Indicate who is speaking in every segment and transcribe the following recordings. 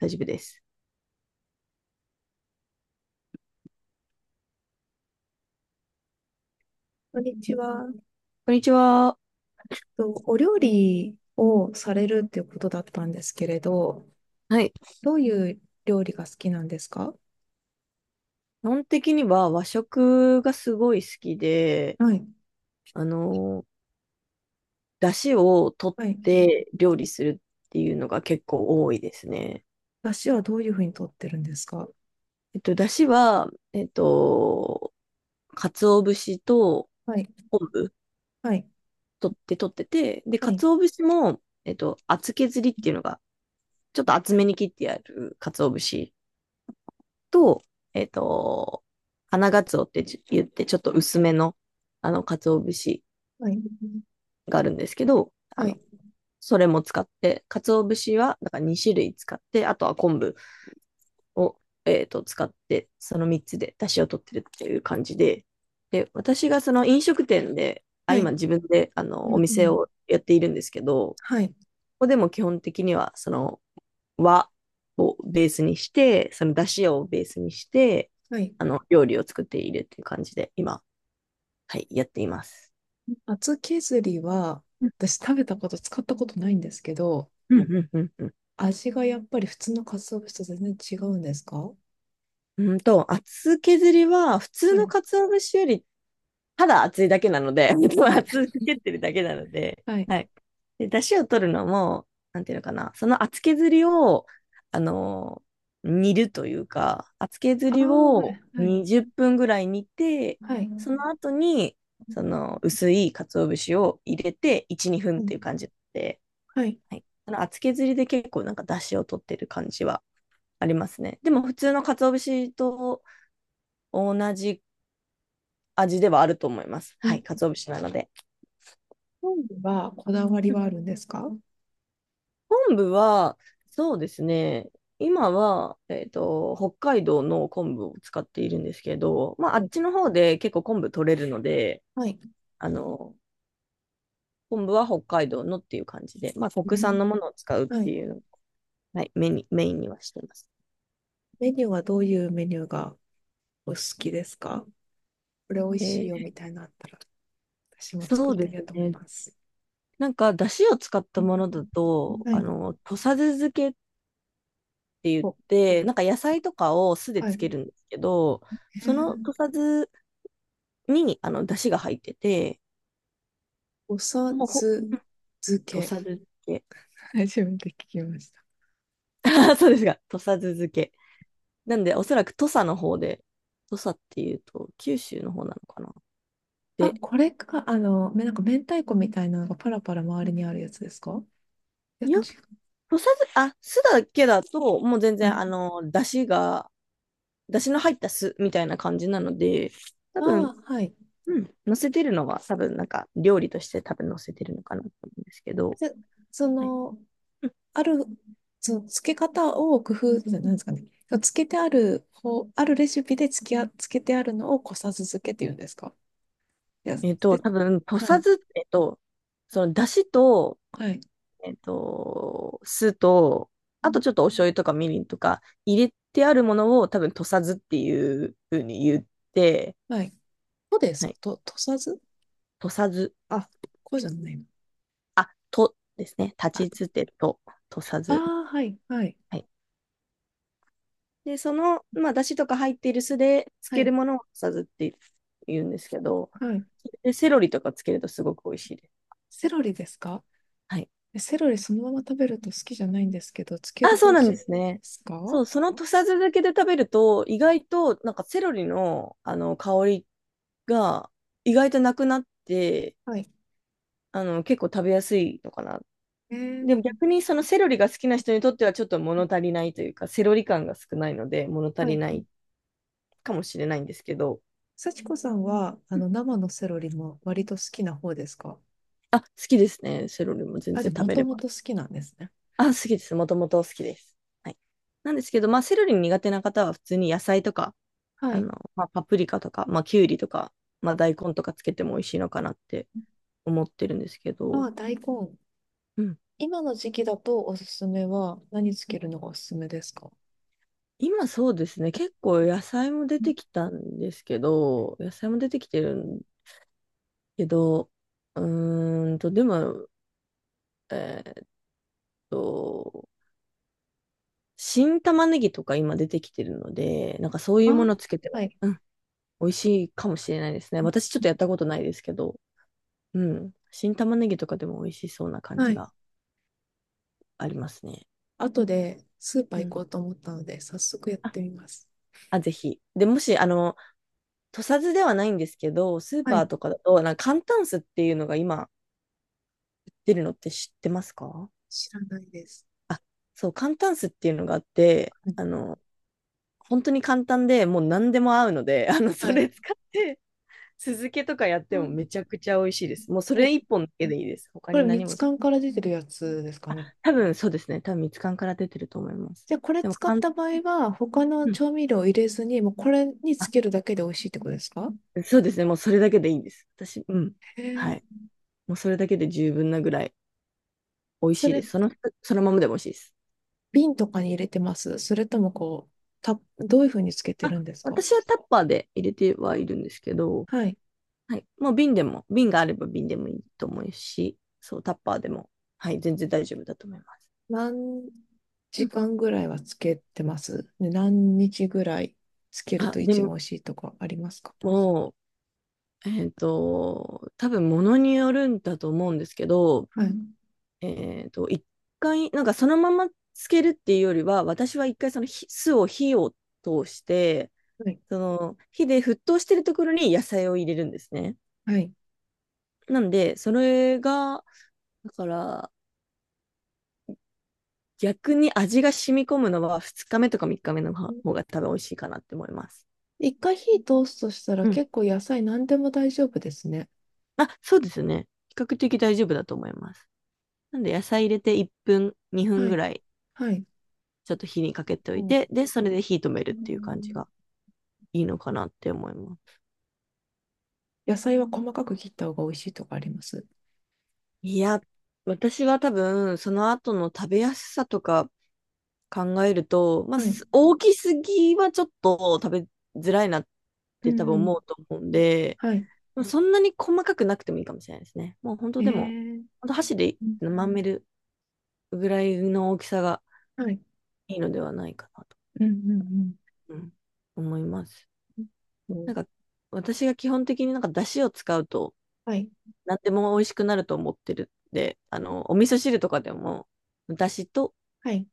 Speaker 1: 大丈夫です。
Speaker 2: こんにちは。
Speaker 1: こんにちは。
Speaker 2: お料理をされるっていうことだったんですけれど、
Speaker 1: はい。
Speaker 2: どういう料理が好きなんですか？
Speaker 1: 基本的には和食がすごい好きで、
Speaker 2: はい。
Speaker 1: あの、出汁を取っ
Speaker 2: はい。
Speaker 1: て料理するっていうのが結構多いですね。
Speaker 2: 出汁はどういうふうに取ってるんですか？
Speaker 1: 出汁は、鰹節と
Speaker 2: はい。
Speaker 1: 昆布
Speaker 2: はい。
Speaker 1: 取ってて、で、
Speaker 2: はい。
Speaker 1: 鰹節も、厚削りっていうのが、ちょっと厚めに切ってある鰹節と、えっと、花鰹って言って、ちょっと薄めの、鰹節
Speaker 2: はい。
Speaker 1: があるんですけど、
Speaker 2: はい。
Speaker 1: それも使って、鰹節は、だから2種類使って、あとは昆布を、使って、その3つで出汁を取ってるっていう感じで、で、私がその飲食店で、あ、
Speaker 2: は
Speaker 1: 今
Speaker 2: い。
Speaker 1: 自分で、
Speaker 2: う
Speaker 1: お
Speaker 2: んう
Speaker 1: 店
Speaker 2: ん。
Speaker 1: をやっているんですけど、こ
Speaker 2: はい。
Speaker 1: こでも基本的には、その、和をベースにして、その出汁をベースにして、
Speaker 2: はい。
Speaker 1: 料理を作っているっていう感じで、今、はい、やっています。
Speaker 2: 厚削りは、
Speaker 1: うん、
Speaker 2: 私食べたこと、使ったことないんですけど、
Speaker 1: うん、うん、うん。
Speaker 2: 味がやっぱり普通の鰹節と全然違うんですか？は
Speaker 1: うんと、厚削りは、普通の
Speaker 2: い。
Speaker 1: 鰹節より、ただ厚いだけなので、
Speaker 2: はい。
Speaker 1: 厚く削ってるだけなので、
Speaker 2: はい。
Speaker 1: はい。で、出汁を取るのも、なんていうのかな、その厚削りを、あのー煮るというか、厚削
Speaker 2: あ
Speaker 1: り
Speaker 2: あ、は
Speaker 1: を
Speaker 2: い。はい。
Speaker 1: 20分ぐらい煮て、
Speaker 2: はい。
Speaker 1: その後に、その薄い鰹節を入れて、1、2分
Speaker 2: は
Speaker 1: っていう
Speaker 2: い。
Speaker 1: 感じで、
Speaker 2: はい。
Speaker 1: はい。あの厚削りで結構なんか出汁を取ってる感じはありますね。でも普通の鰹節と、同じ味ではあると思います。はい、鰹節なので。
Speaker 2: 料理はこだわりはあるんですか？
Speaker 1: 昆布は、そうですね、今は、北海道の昆布を使っているんですけど、まあ、あ
Speaker 2: は
Speaker 1: っ
Speaker 2: い。
Speaker 1: ちの方で結構昆布取れるので、
Speaker 2: はい。
Speaker 1: あの、昆布は北海道のっていう感じで、まあ、
Speaker 2: う
Speaker 1: 国産
Speaker 2: ん。
Speaker 1: のものを使うっ
Speaker 2: は
Speaker 1: て
Speaker 2: い。
Speaker 1: いうのを、はい、メインにはしてます。
Speaker 2: メニューはどういうメニューがお好きですか？これ美味しい
Speaker 1: え
Speaker 2: よみ
Speaker 1: ー
Speaker 2: たいなのあったら、私も作
Speaker 1: そ
Speaker 2: っ
Speaker 1: うで
Speaker 2: てみよ
Speaker 1: す
Speaker 2: うと思い
Speaker 1: ね。
Speaker 2: ます。
Speaker 1: なんか、だしを使った
Speaker 2: うん。
Speaker 1: ものだと、
Speaker 2: はい。
Speaker 1: 土佐酢漬けっって言っ
Speaker 2: お、
Speaker 1: て、なんか野菜とかを酢で
Speaker 2: は
Speaker 1: つけ
Speaker 2: い。
Speaker 1: るんですけど、
Speaker 2: え
Speaker 1: その
Speaker 2: ー、
Speaker 1: 土佐酢に、出汁が入ってて、
Speaker 2: おさ
Speaker 1: もうほ、
Speaker 2: つ漬
Speaker 1: 土
Speaker 2: け。
Speaker 1: 佐酢漬け。
Speaker 2: 初めて聞きました。
Speaker 1: そうですが、土佐酢漬け。なんで、おそらく土佐の方で、土佐っていうと、九州の方なのかな。
Speaker 2: あ、
Speaker 1: で、
Speaker 2: これか、めなんか明太子みたいなのがパラパラ周りにあるやつですか？いや、
Speaker 1: い
Speaker 2: 違
Speaker 1: や、
Speaker 2: う。
Speaker 1: 土佐酢、あ、酢だけだと、もう全
Speaker 2: は
Speaker 1: 然、
Speaker 2: い、
Speaker 1: 出汁が、出汁の入った酢みたいな感じなので、多
Speaker 2: あ
Speaker 1: 分、
Speaker 2: あ、はい。
Speaker 1: うん、乗せてるのは、多分、なんか、料理として多分乗せてるのかなと思うんですけど、
Speaker 2: で、そ
Speaker 1: はい。
Speaker 2: の、ある、その付け方を工夫、なんですかね。つけてある方、あるレシピでつけてあるのをこさず漬けって言うんですか。いや、で、
Speaker 1: 多分、と
Speaker 2: は
Speaker 1: さ
Speaker 2: い、
Speaker 1: ず、その、だしと、
Speaker 2: はい、
Speaker 1: 酢と、あとちょっとお醤油とかみりんとか入れてあるものを多分、とさずっていうふうに言って、
Speaker 2: はい。そうで
Speaker 1: は
Speaker 2: す。
Speaker 1: い、
Speaker 2: とさず。
Speaker 1: とさず、
Speaker 2: あ、こうじゃないの。
Speaker 1: とですね、
Speaker 2: あ、
Speaker 1: 立ちつてと、とさ
Speaker 2: あ
Speaker 1: ず。
Speaker 2: ー、はい、はい、
Speaker 1: はい。で、その、まあ、だしとか入っている酢で漬
Speaker 2: は
Speaker 1: け
Speaker 2: い、
Speaker 1: るものをとさずって言うんですけど、
Speaker 2: はい。
Speaker 1: で、セロリとかつけるとすごく美味しいです。
Speaker 2: セロリですか？
Speaker 1: はい
Speaker 2: えセロリそのまま食べると好きじゃないんですけど、つけ
Speaker 1: あ、
Speaker 2: る
Speaker 1: そ
Speaker 2: と
Speaker 1: う
Speaker 2: 美味
Speaker 1: な
Speaker 2: し
Speaker 1: ん
Speaker 2: い
Speaker 1: で
Speaker 2: で
Speaker 1: すね。
Speaker 2: すか？
Speaker 1: そう、その土佐酢漬けで食べると、意外と、なんかセロリの、香りが、意外となくなって、
Speaker 2: はい。
Speaker 1: 結構食べやすいのかな。
Speaker 2: え
Speaker 1: で
Speaker 2: ー、
Speaker 1: も逆にそのセロリが好きな人にとってはちょっと物足りないというか、セロリ感が少ないので物足
Speaker 2: は
Speaker 1: り
Speaker 2: い。
Speaker 1: ないかもしれないんですけど、
Speaker 2: 幸子さんは、
Speaker 1: うん
Speaker 2: 生のセロリも割と好きな方ですか？
Speaker 1: あ、好きですね。セロリも全
Speaker 2: あ、じゃ
Speaker 1: 然
Speaker 2: あ、
Speaker 1: 食
Speaker 2: も
Speaker 1: べ
Speaker 2: と
Speaker 1: れ
Speaker 2: も
Speaker 1: ば。
Speaker 2: と好きなんですね。
Speaker 1: あ、好きです。もともと好きです。はい。なんですけど、まあ、セロリ苦手な方は普通に野菜とか
Speaker 2: はい。
Speaker 1: まあ、パプリカとか、まあ、きゅうりとか、まあ、大根とかつけても美味しいのかなって思ってるんですけ
Speaker 2: ま
Speaker 1: ど、
Speaker 2: あ、大根。
Speaker 1: うん。
Speaker 2: 今の時期だとおすすめは、何つけるのがおすすめですか？
Speaker 1: 今そうですね、結構野菜も出
Speaker 2: うん。
Speaker 1: てきたんですけど、野菜も出てきてるんけど、うーんと、でも、えーっと、新玉ねぎとか今出てきてるので、なんかそういうも
Speaker 2: あ、
Speaker 1: のつけて
Speaker 2: は
Speaker 1: も、
Speaker 2: い。
Speaker 1: うん、美味しいかもしれないですね。私ちょっとやったことないですけど、うん、新玉ねぎとかでも美味しそうな感
Speaker 2: は
Speaker 1: じ
Speaker 2: い。
Speaker 1: がありますね。
Speaker 2: 後でスーパ
Speaker 1: う
Speaker 2: ー行
Speaker 1: ん。
Speaker 2: こうと思ったので、早速やっ
Speaker 1: あ
Speaker 2: てみます。
Speaker 1: あ、ぜひ。で、もし、土佐酢ではないんですけど、スー
Speaker 2: は
Speaker 1: パー
Speaker 2: い。
Speaker 1: とかだと、なんか簡単酢っていうのが今出るのって知ってますか？
Speaker 2: 知らないです。
Speaker 1: そう、簡単酢っていうのがあって、
Speaker 2: はい。
Speaker 1: 本当に簡単でもう何でも合うので、そ
Speaker 2: はい。
Speaker 1: れ使って、酢漬けとかやっ
Speaker 2: う
Speaker 1: ても
Speaker 2: ん。
Speaker 1: めちゃくちゃ美味しいです。もうそれ
Speaker 2: み、
Speaker 1: 一本だけでいいです。他
Speaker 2: こ
Speaker 1: に
Speaker 2: れ
Speaker 1: 何
Speaker 2: 蜜
Speaker 1: もし。
Speaker 2: 缶から出てるやつですかね。
Speaker 1: 多分そうですね。多分蜜柑から出てると思います。
Speaker 2: じゃあ、これ
Speaker 1: でも、
Speaker 2: 使っ
Speaker 1: かん、
Speaker 2: た場合は、他の
Speaker 1: うん。
Speaker 2: 調味料を入れずに、もうこれにつ
Speaker 1: あ、
Speaker 2: けるだけで美味しいってことですか？
Speaker 1: そうですね。もうそれだけでいいんです。私、うん。
Speaker 2: へ
Speaker 1: はい。
Speaker 2: え。
Speaker 1: もうそれだけで十分なぐらい。美味
Speaker 2: そ
Speaker 1: しいで
Speaker 2: れ、
Speaker 1: す。その、そのままでも美味しいです。
Speaker 2: 瓶とかに入れてます？それともこう、た、どういうふうにつけて
Speaker 1: あ、
Speaker 2: るんですか？
Speaker 1: 私はタッパーで入れてはいるんですけど、
Speaker 2: はい。
Speaker 1: はい。もう瓶でも、瓶があれば瓶でもいいと思うし、そう、タッパーでも、はい、全然大丈夫だと思います。
Speaker 2: 何
Speaker 1: う
Speaker 2: 時
Speaker 1: ん。
Speaker 2: 間ぐらいはつけてます？で何日ぐらいつける
Speaker 1: あ、
Speaker 2: と
Speaker 1: で
Speaker 2: 一番
Speaker 1: も、
Speaker 2: 美味しいとかありますか？
Speaker 1: もう、多分物によるんだと思うんですけど、
Speaker 2: はい。
Speaker 1: 一回、なんかそのままつけるっていうよりは、私は一回その火酢を火を通して、
Speaker 2: はい。
Speaker 1: その火で沸騰してるところに野菜を入れるんですね。
Speaker 2: はい。
Speaker 1: なんで、それが、だから、逆に味が染み込むのは2日目とか3日目の方が多分美味しいかなって思います。
Speaker 2: 一回火通すとしたら
Speaker 1: うん。
Speaker 2: 結構野菜何でも大丈夫ですね。
Speaker 1: あ、そうですね。比較的大丈夫だと思います。なんで、野菜入れて1分、2分
Speaker 2: は
Speaker 1: ぐ
Speaker 2: い。
Speaker 1: らい、
Speaker 2: はい。
Speaker 1: ちょっと火にかけておいて、で、それで火止める
Speaker 2: う
Speaker 1: っ
Speaker 2: んう
Speaker 1: ていう感じ
Speaker 2: ん。
Speaker 1: がいいのかなって思います。
Speaker 2: 野菜は細かく切った方が美味しいとかあります。
Speaker 1: いや、私は多分、その後の食べやすさとか考えると、まあ、
Speaker 2: はい。
Speaker 1: 大きすぎはちょっと食べづらいなっ
Speaker 2: う
Speaker 1: て多分
Speaker 2: ん。
Speaker 1: 思うと思うんで、
Speaker 2: はい。
Speaker 1: もそんなに細かくなくてもいいかもしれないですね。もう本当
Speaker 2: え
Speaker 1: でも、
Speaker 2: ー、
Speaker 1: 本当箸で
Speaker 2: うん。
Speaker 1: まめるぐらいの大きさが
Speaker 2: はい。
Speaker 1: いいのではないかなと、
Speaker 2: うんうん
Speaker 1: うん思います。
Speaker 2: うん。そ
Speaker 1: なん
Speaker 2: う。
Speaker 1: か私が基本的になんか出汁を使うと
Speaker 2: はい。
Speaker 1: 何でも美味しくなると思ってるんで、お味噌汁とかでも出汁と
Speaker 2: はい。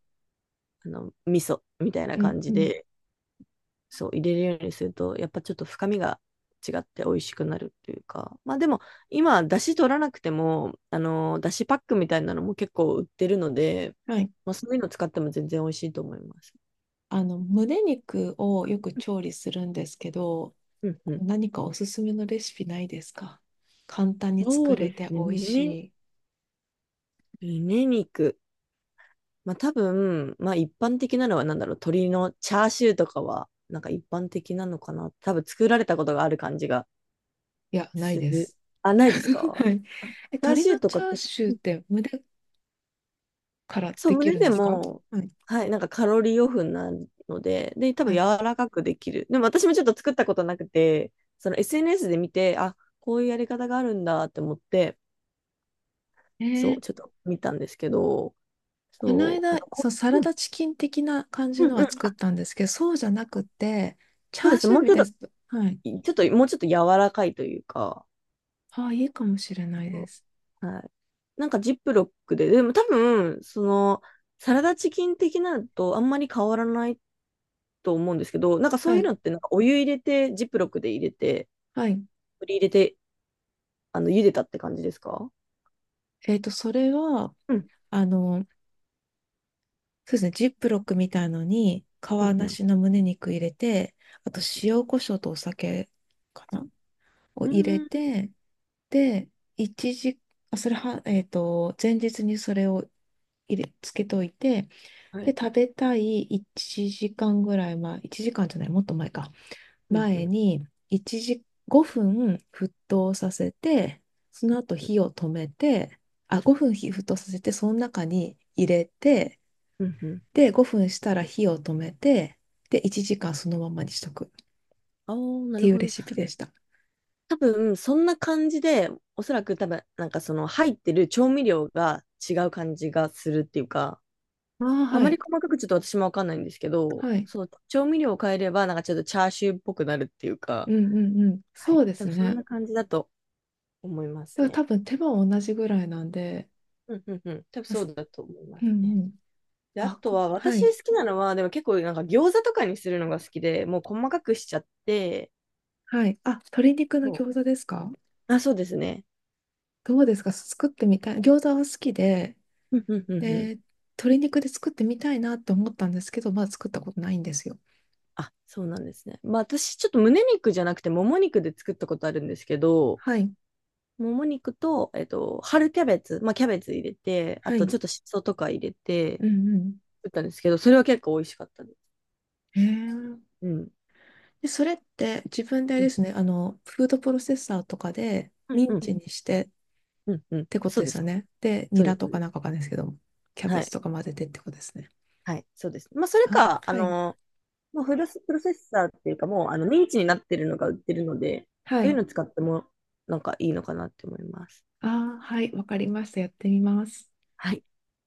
Speaker 1: 味噌みたいな
Speaker 2: うん
Speaker 1: 感
Speaker 2: う
Speaker 1: じ
Speaker 2: ん。
Speaker 1: でそう、入れるようにすると、やっぱちょっと深みが違って美味しくなるっていうか、まあでも、今、だし取らなくても、だしパックみたいなのも結構売ってるので、
Speaker 2: はい。
Speaker 1: まあそういうの使っても全然美味しいと思います。
Speaker 2: 胸肉をよく調理するんですけど、
Speaker 1: うんうん。
Speaker 2: 何かおすすめのレシピないですか？簡単に
Speaker 1: そ
Speaker 2: 作
Speaker 1: う
Speaker 2: れ
Speaker 1: で
Speaker 2: て
Speaker 1: す
Speaker 2: 美
Speaker 1: ね。
Speaker 2: 味し
Speaker 1: 胸、
Speaker 2: い。
Speaker 1: 胸肉。まあ多分、まあ一般的なのはなんだろう、鶏のチャーシューとかは、なんか一般的なのかな。多分作られたことがある感じが
Speaker 2: いや、ない
Speaker 1: す
Speaker 2: で
Speaker 1: る。
Speaker 2: す。
Speaker 1: あ、ないです か？
Speaker 2: はい。
Speaker 1: あチ
Speaker 2: え、
Speaker 1: ャー
Speaker 2: 鶏
Speaker 1: シュ
Speaker 2: の
Speaker 1: ーと
Speaker 2: チ
Speaker 1: か、
Speaker 2: ャーシューって胸から
Speaker 1: そう、
Speaker 2: でき
Speaker 1: 胸
Speaker 2: るん
Speaker 1: で
Speaker 2: ですか？
Speaker 1: も、
Speaker 2: はい。
Speaker 1: はい、なんかカロリーオフになるので、で、多
Speaker 2: は
Speaker 1: 分柔
Speaker 2: い。
Speaker 1: らかくできる。でも私もちょっと作ったことなくて、その SNS で見て、あ、こういうやり方があるんだって思って、
Speaker 2: え
Speaker 1: そ
Speaker 2: ー。
Speaker 1: う、ちょっと見たんですけど、
Speaker 2: この
Speaker 1: そう、
Speaker 2: 間、そ
Speaker 1: こ
Speaker 2: う、サラ
Speaker 1: うん、
Speaker 2: ダチキン的な感じ
Speaker 1: う
Speaker 2: の
Speaker 1: ん、うん、
Speaker 2: は作ったんですけど、そうじゃなくて、チ
Speaker 1: そう
Speaker 2: ャ
Speaker 1: で
Speaker 2: ー
Speaker 1: す。
Speaker 2: シュ
Speaker 1: も
Speaker 2: ー
Speaker 1: う
Speaker 2: み
Speaker 1: ちょっ
Speaker 2: たい
Speaker 1: と、
Speaker 2: な。はい。
Speaker 1: ちょっと、もうちょっと柔らかいというか、
Speaker 2: ああ、いいかもしれないで
Speaker 1: そ
Speaker 2: す。
Speaker 1: うはい。なんかジップロックで、でも多分、その、サラダチキン的なのとあんまり変わらないと思うんですけど、なんかそ
Speaker 2: は
Speaker 1: ういう
Speaker 2: い。
Speaker 1: のってなんかお湯入れて、ジップロックで入れて、
Speaker 2: はい。
Speaker 1: 取り入れて、茹でたって感じですか？
Speaker 2: えっと、それは、
Speaker 1: うん
Speaker 2: あの、そうですね、ジップロックみたいのに、皮
Speaker 1: うんう
Speaker 2: な
Speaker 1: ん
Speaker 2: しの胸肉入れて、あと塩コショウとお酒かなを
Speaker 1: う
Speaker 2: 入れ
Speaker 1: んうん
Speaker 2: て、で、一時、あ、それは、前日にそれをつけといて、
Speaker 1: は
Speaker 2: で、
Speaker 1: い。
Speaker 2: 食べたい1時間ぐらい前、1時間じゃない、もっと前か。
Speaker 1: うんう
Speaker 2: 前
Speaker 1: ん
Speaker 2: に、一時、5分沸騰させて、その後火を止めて、あ、5分火沸騰させて、その中に入れて、
Speaker 1: うんうん。
Speaker 2: で、5分したら火を止めて、で、1時間そのままにしとくっ
Speaker 1: ああ、な
Speaker 2: て
Speaker 1: る
Speaker 2: いう
Speaker 1: ほ
Speaker 2: レ
Speaker 1: ど。
Speaker 2: シピでした。
Speaker 1: 多分、そんな感じで、おそらく多分、なんかその入ってる調味料が違う感じがするっていうか、
Speaker 2: ああ、
Speaker 1: あ
Speaker 2: は
Speaker 1: まり
Speaker 2: い。
Speaker 1: 細かくちょっと私もわかんないんですけど、
Speaker 2: はい。
Speaker 1: そう、調味料を変えれば、なんかちょっとチャーシューっぽくなるっていう
Speaker 2: う
Speaker 1: か、
Speaker 2: んうんうん。
Speaker 1: は
Speaker 2: そ
Speaker 1: い。
Speaker 2: うで
Speaker 1: 多
Speaker 2: す
Speaker 1: 分そん
Speaker 2: ね。
Speaker 1: な感じだと思います
Speaker 2: だから多
Speaker 1: ね。
Speaker 2: 分手間は同じぐらいなんで、
Speaker 1: うんうんうん。多分
Speaker 2: あ
Speaker 1: そ
Speaker 2: す。
Speaker 1: うだと思いま
Speaker 2: うん
Speaker 1: すね。
Speaker 2: うん。
Speaker 1: で、あ
Speaker 2: あ、
Speaker 1: と
Speaker 2: こ、
Speaker 1: は、
Speaker 2: は
Speaker 1: 私
Speaker 2: い。
Speaker 1: 好きなのは、でも結構なんか餃子とかにするのが好きで、もう細かくしちゃって、
Speaker 2: はい。あ、鶏肉の
Speaker 1: そ
Speaker 2: 餃子ですか？
Speaker 1: う。あ、そうですね。
Speaker 2: どうですか？作ってみたい。餃子は好きで、
Speaker 1: うんうんうんうん。
Speaker 2: で、鶏肉で作ってみたいなって思ったんですけど、まだ作ったことないんですよ。
Speaker 1: あ、そうなんですね。まあ私、ちょっと胸肉じゃなくて、もも肉で作ったことあるんですけど、
Speaker 2: はい。
Speaker 1: もも肉と、春キャベツ、まあキャベツ入れて、あ
Speaker 2: は
Speaker 1: と
Speaker 2: い。
Speaker 1: ちょっとしそとか入れて、
Speaker 2: うんうん。
Speaker 1: 作ったんですけど、それは結構美味しかったです。
Speaker 2: へえ。
Speaker 1: うん。
Speaker 2: で、それって自分であれ
Speaker 1: う
Speaker 2: で
Speaker 1: ん。
Speaker 2: すね、フードプロセッサーとかで
Speaker 1: うん。
Speaker 2: ミ
Speaker 1: う
Speaker 2: ン
Speaker 1: ん。
Speaker 2: チにしてっ
Speaker 1: うん。うん
Speaker 2: てこと
Speaker 1: そう
Speaker 2: で
Speaker 1: で
Speaker 2: す
Speaker 1: す。
Speaker 2: よね。で、ニ
Speaker 1: そうで
Speaker 2: ラ
Speaker 1: す。そ
Speaker 2: と
Speaker 1: うで
Speaker 2: か
Speaker 1: す
Speaker 2: なんかわかんないですけども、キャベ
Speaker 1: は
Speaker 2: ツ
Speaker 1: い。
Speaker 2: とか混ぜてってことですね。
Speaker 1: はい。そうです。まあそれ
Speaker 2: あ、
Speaker 1: か、
Speaker 2: はい。
Speaker 1: もうフルス、プロセッサーっていうか、もうあのミンチになってるのが売ってるので、
Speaker 2: は
Speaker 1: そういう
Speaker 2: い。
Speaker 1: の使ってもなんかいいのかなって思います。
Speaker 2: あー、はい。わかりました。やってみます。
Speaker 1: はい。